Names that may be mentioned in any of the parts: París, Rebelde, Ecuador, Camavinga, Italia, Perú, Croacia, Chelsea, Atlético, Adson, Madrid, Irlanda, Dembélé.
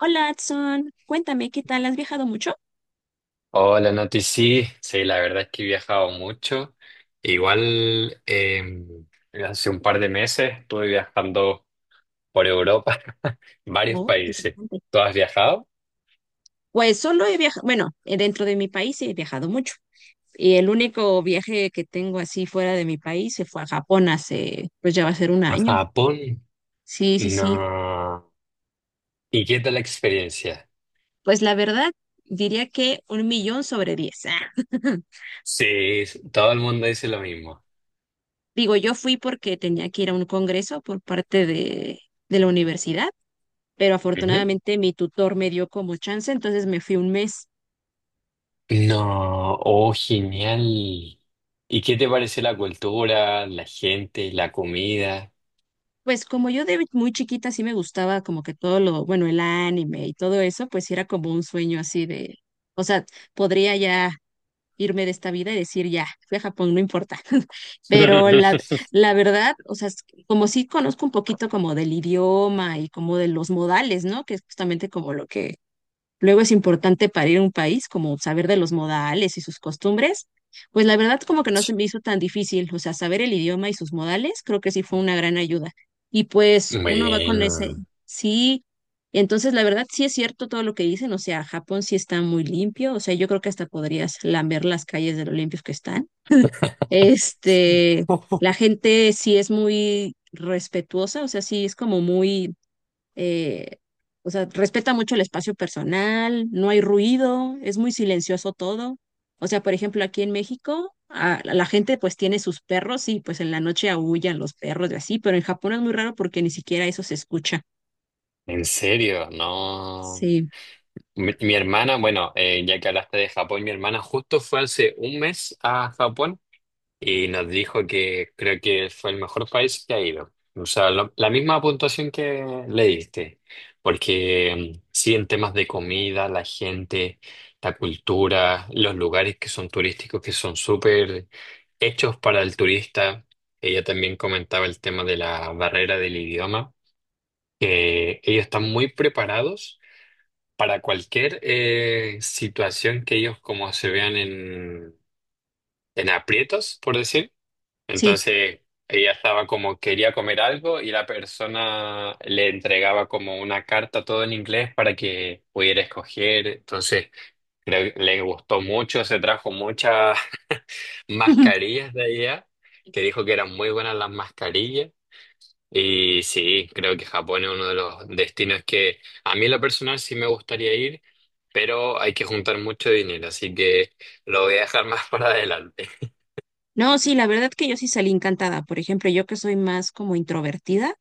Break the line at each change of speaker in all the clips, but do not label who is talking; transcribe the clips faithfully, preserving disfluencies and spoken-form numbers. Hola, Adson. Cuéntame, ¿qué tal? ¿Has viajado mucho?
Hola, Nati, sí, sí, la verdad es que he viajado mucho. Igual eh, hace un par de meses estuve viajando por Europa, varios
Oh,
países.
interesante.
¿Tú has viajado?
Pues solo he viajado, bueno, eh, dentro de mi país he viajado mucho. Y el único viaje que tengo así fuera de mi país se fue a Japón hace, pues ya va a ser un
¿A
año.
Japón?
Sí, sí, sí.
No. ¿Y qué tal la experiencia?
Pues la verdad, diría que un millón sobre diez.
Sí, todo el mundo dice lo mismo.
Digo, yo fui porque tenía que ir a un congreso por parte de, de la universidad, pero
Ujú.
afortunadamente mi tutor me dio como chance, entonces me fui un mes.
No, oh, genial. ¿Y qué te parece la cultura, la gente, la comida?
Pues como yo de muy chiquita sí me gustaba como que todo lo, bueno, el anime y todo eso, pues sí era como un sueño así de, o sea, podría ya irme de esta vida y decir ya, fui a Japón, no importa. Pero la, la verdad, o sea, es que como sí conozco un poquito como del idioma y como de los modales, ¿no? Que es justamente como lo que luego es importante para ir a un país, como saber de los modales y sus costumbres, pues la verdad como que no se me hizo tan difícil, o sea, saber el idioma y sus modales creo que sí fue una gran ayuda. Y pues uno va con ese,
Bueno.
sí, entonces la verdad sí es cierto todo lo que dicen, o sea, Japón sí está muy limpio, o sea, yo creo que hasta podrías lamber las calles de lo limpios que están. Este, la gente sí es muy respetuosa, o sea, sí es como muy eh, o sea, respeta mucho el espacio personal, no hay ruido, es muy silencioso todo. O sea, por ejemplo, aquí en México, a- la gente pues tiene sus perros y pues en la noche aúllan los perros y así, pero en Japón es muy raro porque ni siquiera eso se escucha.
En serio, no.
Sí,
Mi, mi hermana, bueno, eh, ya que hablaste de Japón, mi hermana justo fue hace un mes a Japón y nos dijo que creo que fue el mejor país que ha ido. O sea, lo- la misma puntuación que le diste, porque mm, sí, en temas de comida, la gente, la cultura, los lugares que son turísticos, que son súper hechos para el turista. Ella también comentaba el tema de la barrera del idioma, que ellos están muy preparados para cualquier eh, situación que ellos como se vean en, en aprietos, por decir.
sí.
Entonces, ella estaba como quería comer algo y la persona le entregaba como una carta todo en inglés para que pudiera escoger. Entonces, creo que le gustó mucho, se trajo muchas mascarillas de allá, que dijo que eran muy buenas las mascarillas. Y sí, creo que Japón es uno de los destinos que a mí en lo personal sí me gustaría ir, pero hay que juntar mucho dinero, así que lo voy a dejar más para adelante.
No, sí, la verdad que yo sí salí encantada. Por ejemplo, yo que soy más como introvertida,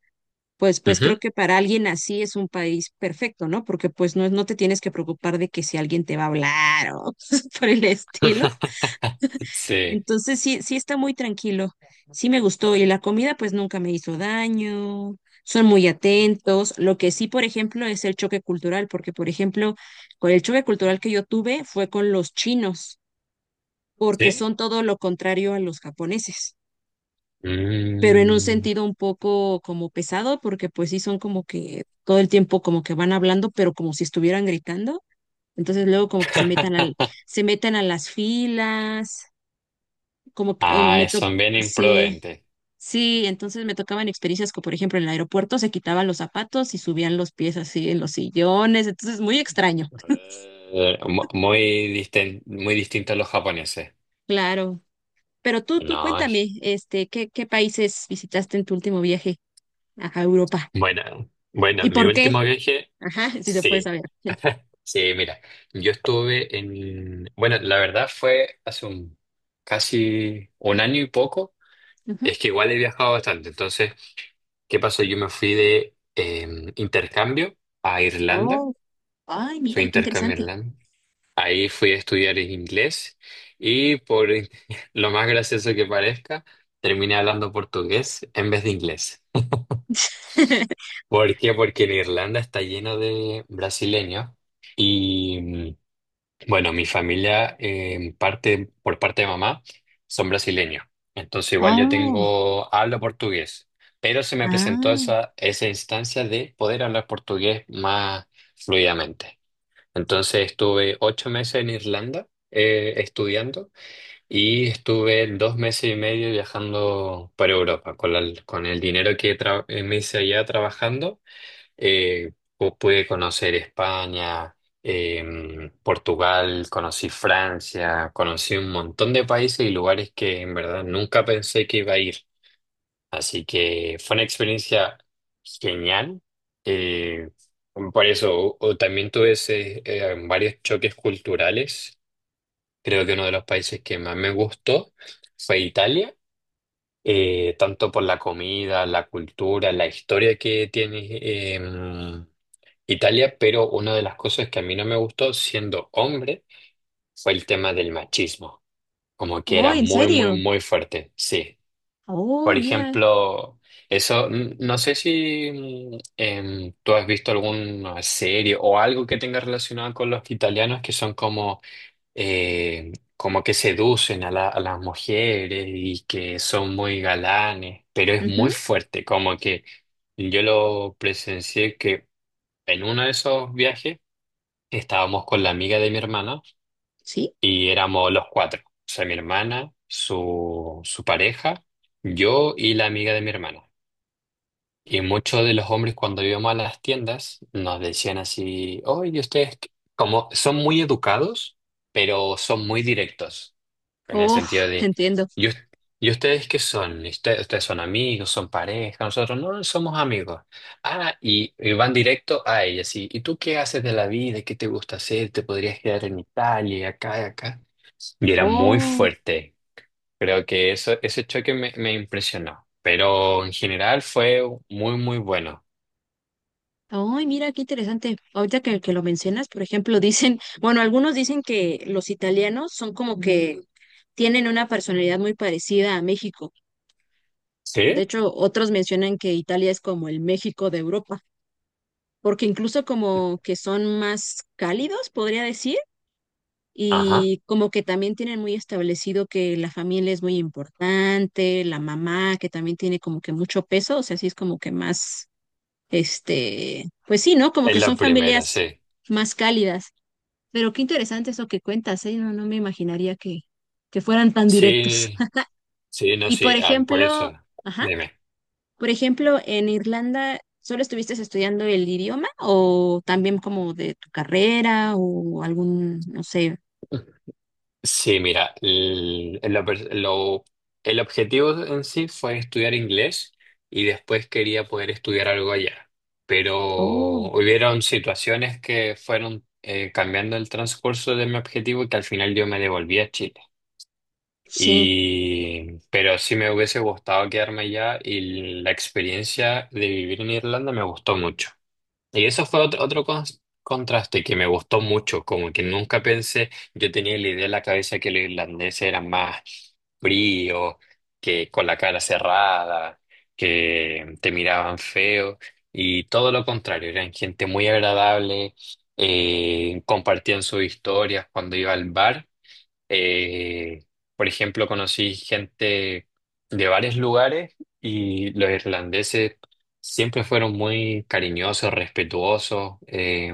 pues, pues
Ujú.
creo que para alguien así es un país perfecto, ¿no? Porque pues no, no te tienes que preocupar de que si alguien te va a hablar o cosas por el estilo.
Sí,
Entonces sí, sí está muy tranquilo. Sí me gustó. Y la comida pues nunca me hizo daño. Son muy atentos. Lo que sí, por ejemplo, es el choque cultural, porque por ejemplo, con el choque cultural que yo tuve fue con los chinos, porque
sí.
son todo lo contrario a los japoneses, pero en un
Mm.
sentido un poco como pesado, porque pues sí son como que todo el tiempo como que van hablando, pero como si estuvieran gritando. Entonces luego como que se metan al, se meten a las filas, como que eh, me
Ah,
tocó,
son bien
sí.
imprudentes.
Sí, entonces me tocaban experiencias como, por ejemplo, en el aeropuerto se quitaban los zapatos y subían los pies así en los sillones, entonces muy extraño.
Eh, mu- Muy, disten- muy distintos a los japoneses.
Claro. Pero tú, tú
No,
cuéntame, este, ¿qué, qué países visitaste en tu último viaje a Europa?
Bueno, bueno,
¿Y
mi
por qué?
último viaje,
Ajá, si se puede
sí.
saber.
Sí, mira, yo estuve en, bueno, la verdad fue hace un, casi un año y poco.
Ujú.
Es que igual he viajado bastante. Entonces, ¿qué pasó? Yo me fui de eh, intercambio a Irlanda.
Oh, ay,
Fui a
mira, qué
intercambio a
interesante.
Irlanda. Ahí fui a estudiar inglés y por lo más gracioso que parezca, terminé hablando portugués en vez de inglés. ¿Por qué? Porque en Irlanda está lleno de brasileños y mm, bueno, mi familia eh, en parte, por parte de mamá son brasileños. Entonces igual yo
Oh,
tengo, hablo portugués, pero se me presentó
ah,
esa, esa instancia de poder hablar portugués más fluidamente. Entonces estuve ocho meses en Irlanda eh, estudiando y estuve dos meses y medio viajando por Europa con, la- con el dinero que tra- eh, me hice allá trabajando. Eh, pu- Pude conocer España, em, Portugal, conocí Francia, conocí un montón de países y lugares que en verdad nunca pensé que iba a ir. Así que fue una experiencia genial. Eh, por eso o- o también tuve ese, eh, varios choques culturales. Creo que uno de los países que más me gustó fue Italia eh, tanto por la comida, la cultura, la historia que tiene em, Italia, pero una de las cosas que a mí no me gustó siendo hombre fue el tema del machismo, como que
oh,
era
¿en
muy, muy,
serio?
muy fuerte, sí.
Oh,
Por
mira.
ejemplo, eso, mm, no sé si mm, em, tú has visto alguna serie o algo que tenga relacionado con los italianos que son como, eh, como que seducen a la- a las mujeres y que son muy galanes, pero es muy
Ujú,
fuerte, como que yo lo presencié que en uno de esos viajes. Estábamos con la amiga de mi hermana
Sí.
y éramos los cuatro. O sea, mi hermana, su, su pareja, yo y la amiga de mi hermana. Y muchos de los hombres cuando íbamos a las tiendas nos decían así, oye, ustedes qué-". Como son muy educados, pero son muy directos, en el
Oh,
sentido de,
entiendo.
¿y, us- y ustedes qué son? ¿Ustedes, ustedes son amigos, son pareja? Nosotros no somos amigos. Ah, y, y van directo a ella, así, ¿y tú qué haces de la vida? ¿Qué te gusta hacer? ¿Te podrías quedar en Italia, acá, y acá? Y era muy
Oh.
fuerte. Creo que eso, ese choque me, me impresionó, pero en general fue muy, muy bueno.
Ay, mira, qué interesante. Ahorita que, que lo mencionas, por ejemplo, dicen, bueno, algunos dicen que los italianos son como que tienen una personalidad muy parecida a México. De
¿Sí?
hecho, otros mencionan que Italia es como el México de Europa, porque incluso como que son más cálidos, podría decir,
Ajá,
y como que también tienen muy establecido que la familia es muy importante, la mamá que también tiene como que mucho peso, o sea, sí es como que más Este, pues sí, ¿no? Como
es
que son
la primera,
familias
sí.
más cálidas. Pero qué interesante eso que cuentas, ¿eh? No, no me imaginaría que, que fueran tan directos.
Sí, sí, no,
Y por
sí, ah, por eso,
ejemplo, ajá,
dime.
por ejemplo, en Irlanda, ¿solo estuviste estudiando el idioma o también como de tu carrera o algún, no sé?
Sí, mira, el, lo per- lo- el objetivo en sí fue estudiar inglés y después quería poder estudiar algo allá, pero
Oh,
hubieron situaciones que fueron eh, cambiando el transcurso de mi objetivo y que al final yo me devolví a Chile.
sí.
Y, pero sí me hubiese gustado quedarme allá y la experiencia de vivir en Irlanda me gustó mucho. Y eso fue otro, otro cons- contraste que me gustó mucho, como que nunca pensé, yo tenía la idea en la cabeza que los irlandeses eran más fríos, que con la cara cerrada, que te miraban feo y todo lo contrario, eran gente muy agradable, eh, compartían sus historias cuando iba al bar. Eh, por ejemplo, conocí gente de varios lugares y los irlandeses siempre fueron muy cariñosos, respetuosos. eh,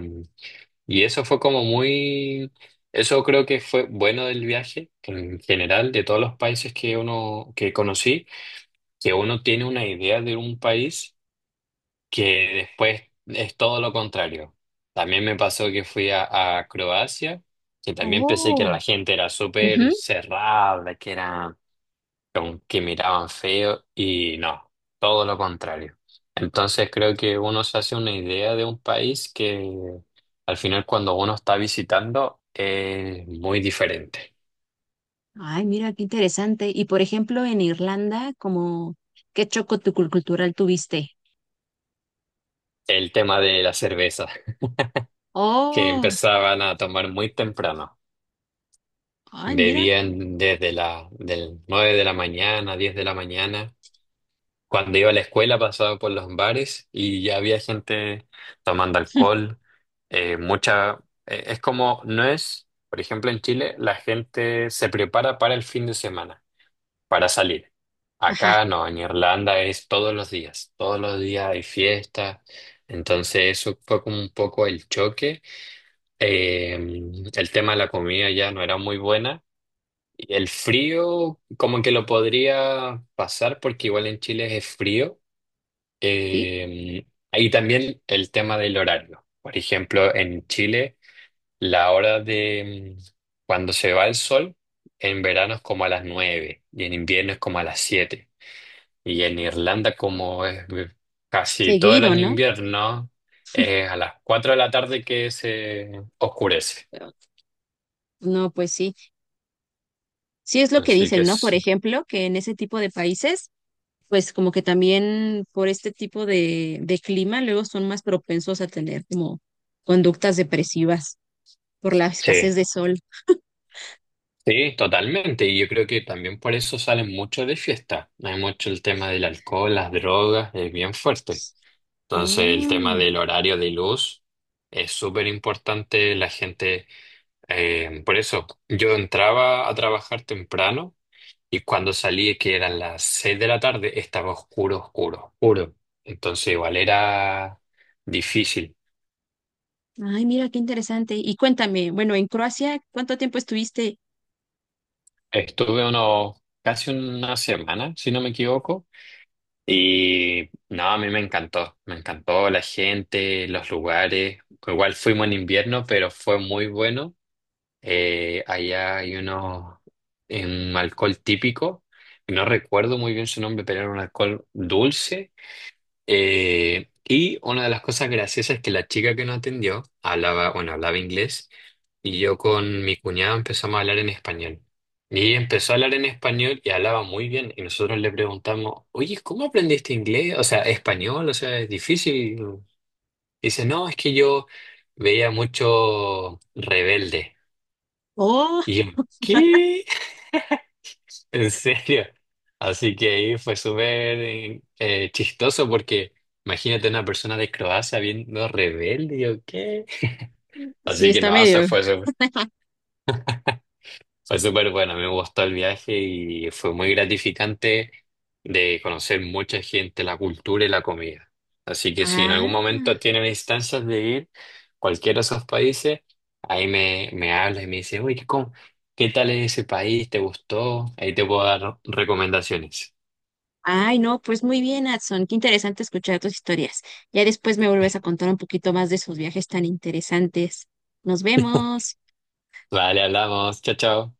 Y eso fue como muy, eso creo que fue bueno del viaje en general, de todos los países que uno, que conocí, que uno tiene una idea de un país que después es todo lo contrario. También me pasó que fui a, a Croacia, que también pensé que
Oh,
la gente era súper
ujú.
cerrada, que era como que miraban feo y no, todo lo contrario. Entonces creo que uno se hace una idea de un país que al final cuando uno está visitando es muy diferente.
Ay, mira, qué interesante. Y por ejemplo, en Irlanda, como, ¿qué choco tu cultural tuviste?
El tema de la cerveza, que
Oh,
empezaban a tomar muy temprano.
ay, mira.
Bebían desde la, del nueve de la mañana, diez de la mañana. Cuando iba a la escuela pasaba por los bares y ya había gente tomando alcohol. Eh, mucha, eh, es como, no es, por ejemplo, en Chile la gente se prepara para el fin de semana, para salir.
Ajá,
Acá no, en Irlanda es todos los días, todos los días hay fiesta. Entonces eso fue como un poco el choque. Eh, el tema de la comida ya no era muy buena. Y el frío, como que lo podría pasar, porque igual en Chile es frío.
sí,
Eh, Ahí también el tema del horario. Por ejemplo, en Chile, la hora de mm, cuando se va el sol, en verano es como a las nueve y en invierno es como a las siete. Y en Irlanda, como es eh, casi todo el
seguido,
año
¿no?
invierno, es a las cuatro de la tarde que se oscurece.
Pero, no, pues sí, sí es lo que
Así que
dicen, ¿no? Por
es-
ejemplo, que en ese tipo de países, pues como que también por este tipo de, de clima, luego son más propensos a tener como conductas depresivas por la
sí.
escasez de sol.
Sí, totalmente. Y yo creo que también por eso salen mucho de fiesta. Hay mucho el tema del alcohol, las drogas, es bien fuerte. Entonces el tema
Oh,
del horario de luz es súper importante. La gente, eh, por eso yo entraba a trabajar temprano y cuando salí, que eran las seis de la tarde, estaba oscuro, oscuro, oscuro. Entonces igual era difícil.
ay, mira, qué interesante. Y cuéntame, bueno, en Croacia, ¿cuánto tiempo estuviste?
Estuve unos casi una semana, si no me equivoco. Y no, a mí me encantó, me encantó la gente, los lugares. Igual fuimos en invierno, pero fue muy bueno. Eh, allá hay uno, un alcohol típico, no recuerdo muy bien su nombre, pero era un alcohol dulce eh, y una de las cosas graciosas es que la chica que nos atendió hablaba, bueno, hablaba inglés y yo con mi cuñado empezamos a hablar en español. Y ella empezó a hablar en español y hablaba muy bien. Y nosotros le preguntamos, oye, ¿cómo aprendiste inglés? O sea, español, o sea, es difícil. Dice, no, es que yo veía mucho Rebelde.
Oh,
Y yo, ¿qué? ¿En serio? Así que ahí fue súper eh, eh, chistoso porque imagínate una persona de Croacia viendo Rebelde, ¿o qué?
sí,
Así que
está
no, o sea,
medio.
fue súper fue súper bueno, me gustó el viaje y fue muy gratificante de conocer mucha gente, la cultura y la comida. Así que si en algún momento
Ah.
tienen instancias de ir a cualquiera de esos países, ahí me, me hablas y me dices, uy, ¿cómo- ¿Qué tal es ese país? ¿Te gustó? Ahí te puedo dar recomendaciones.
Ay, no, pues muy bien, Adson. Qué interesante escuchar tus historias. Ya después me vuelves a contar un poquito más de esos viajes tan interesantes. Nos vemos.
Vale, hablamos. Chao, chao.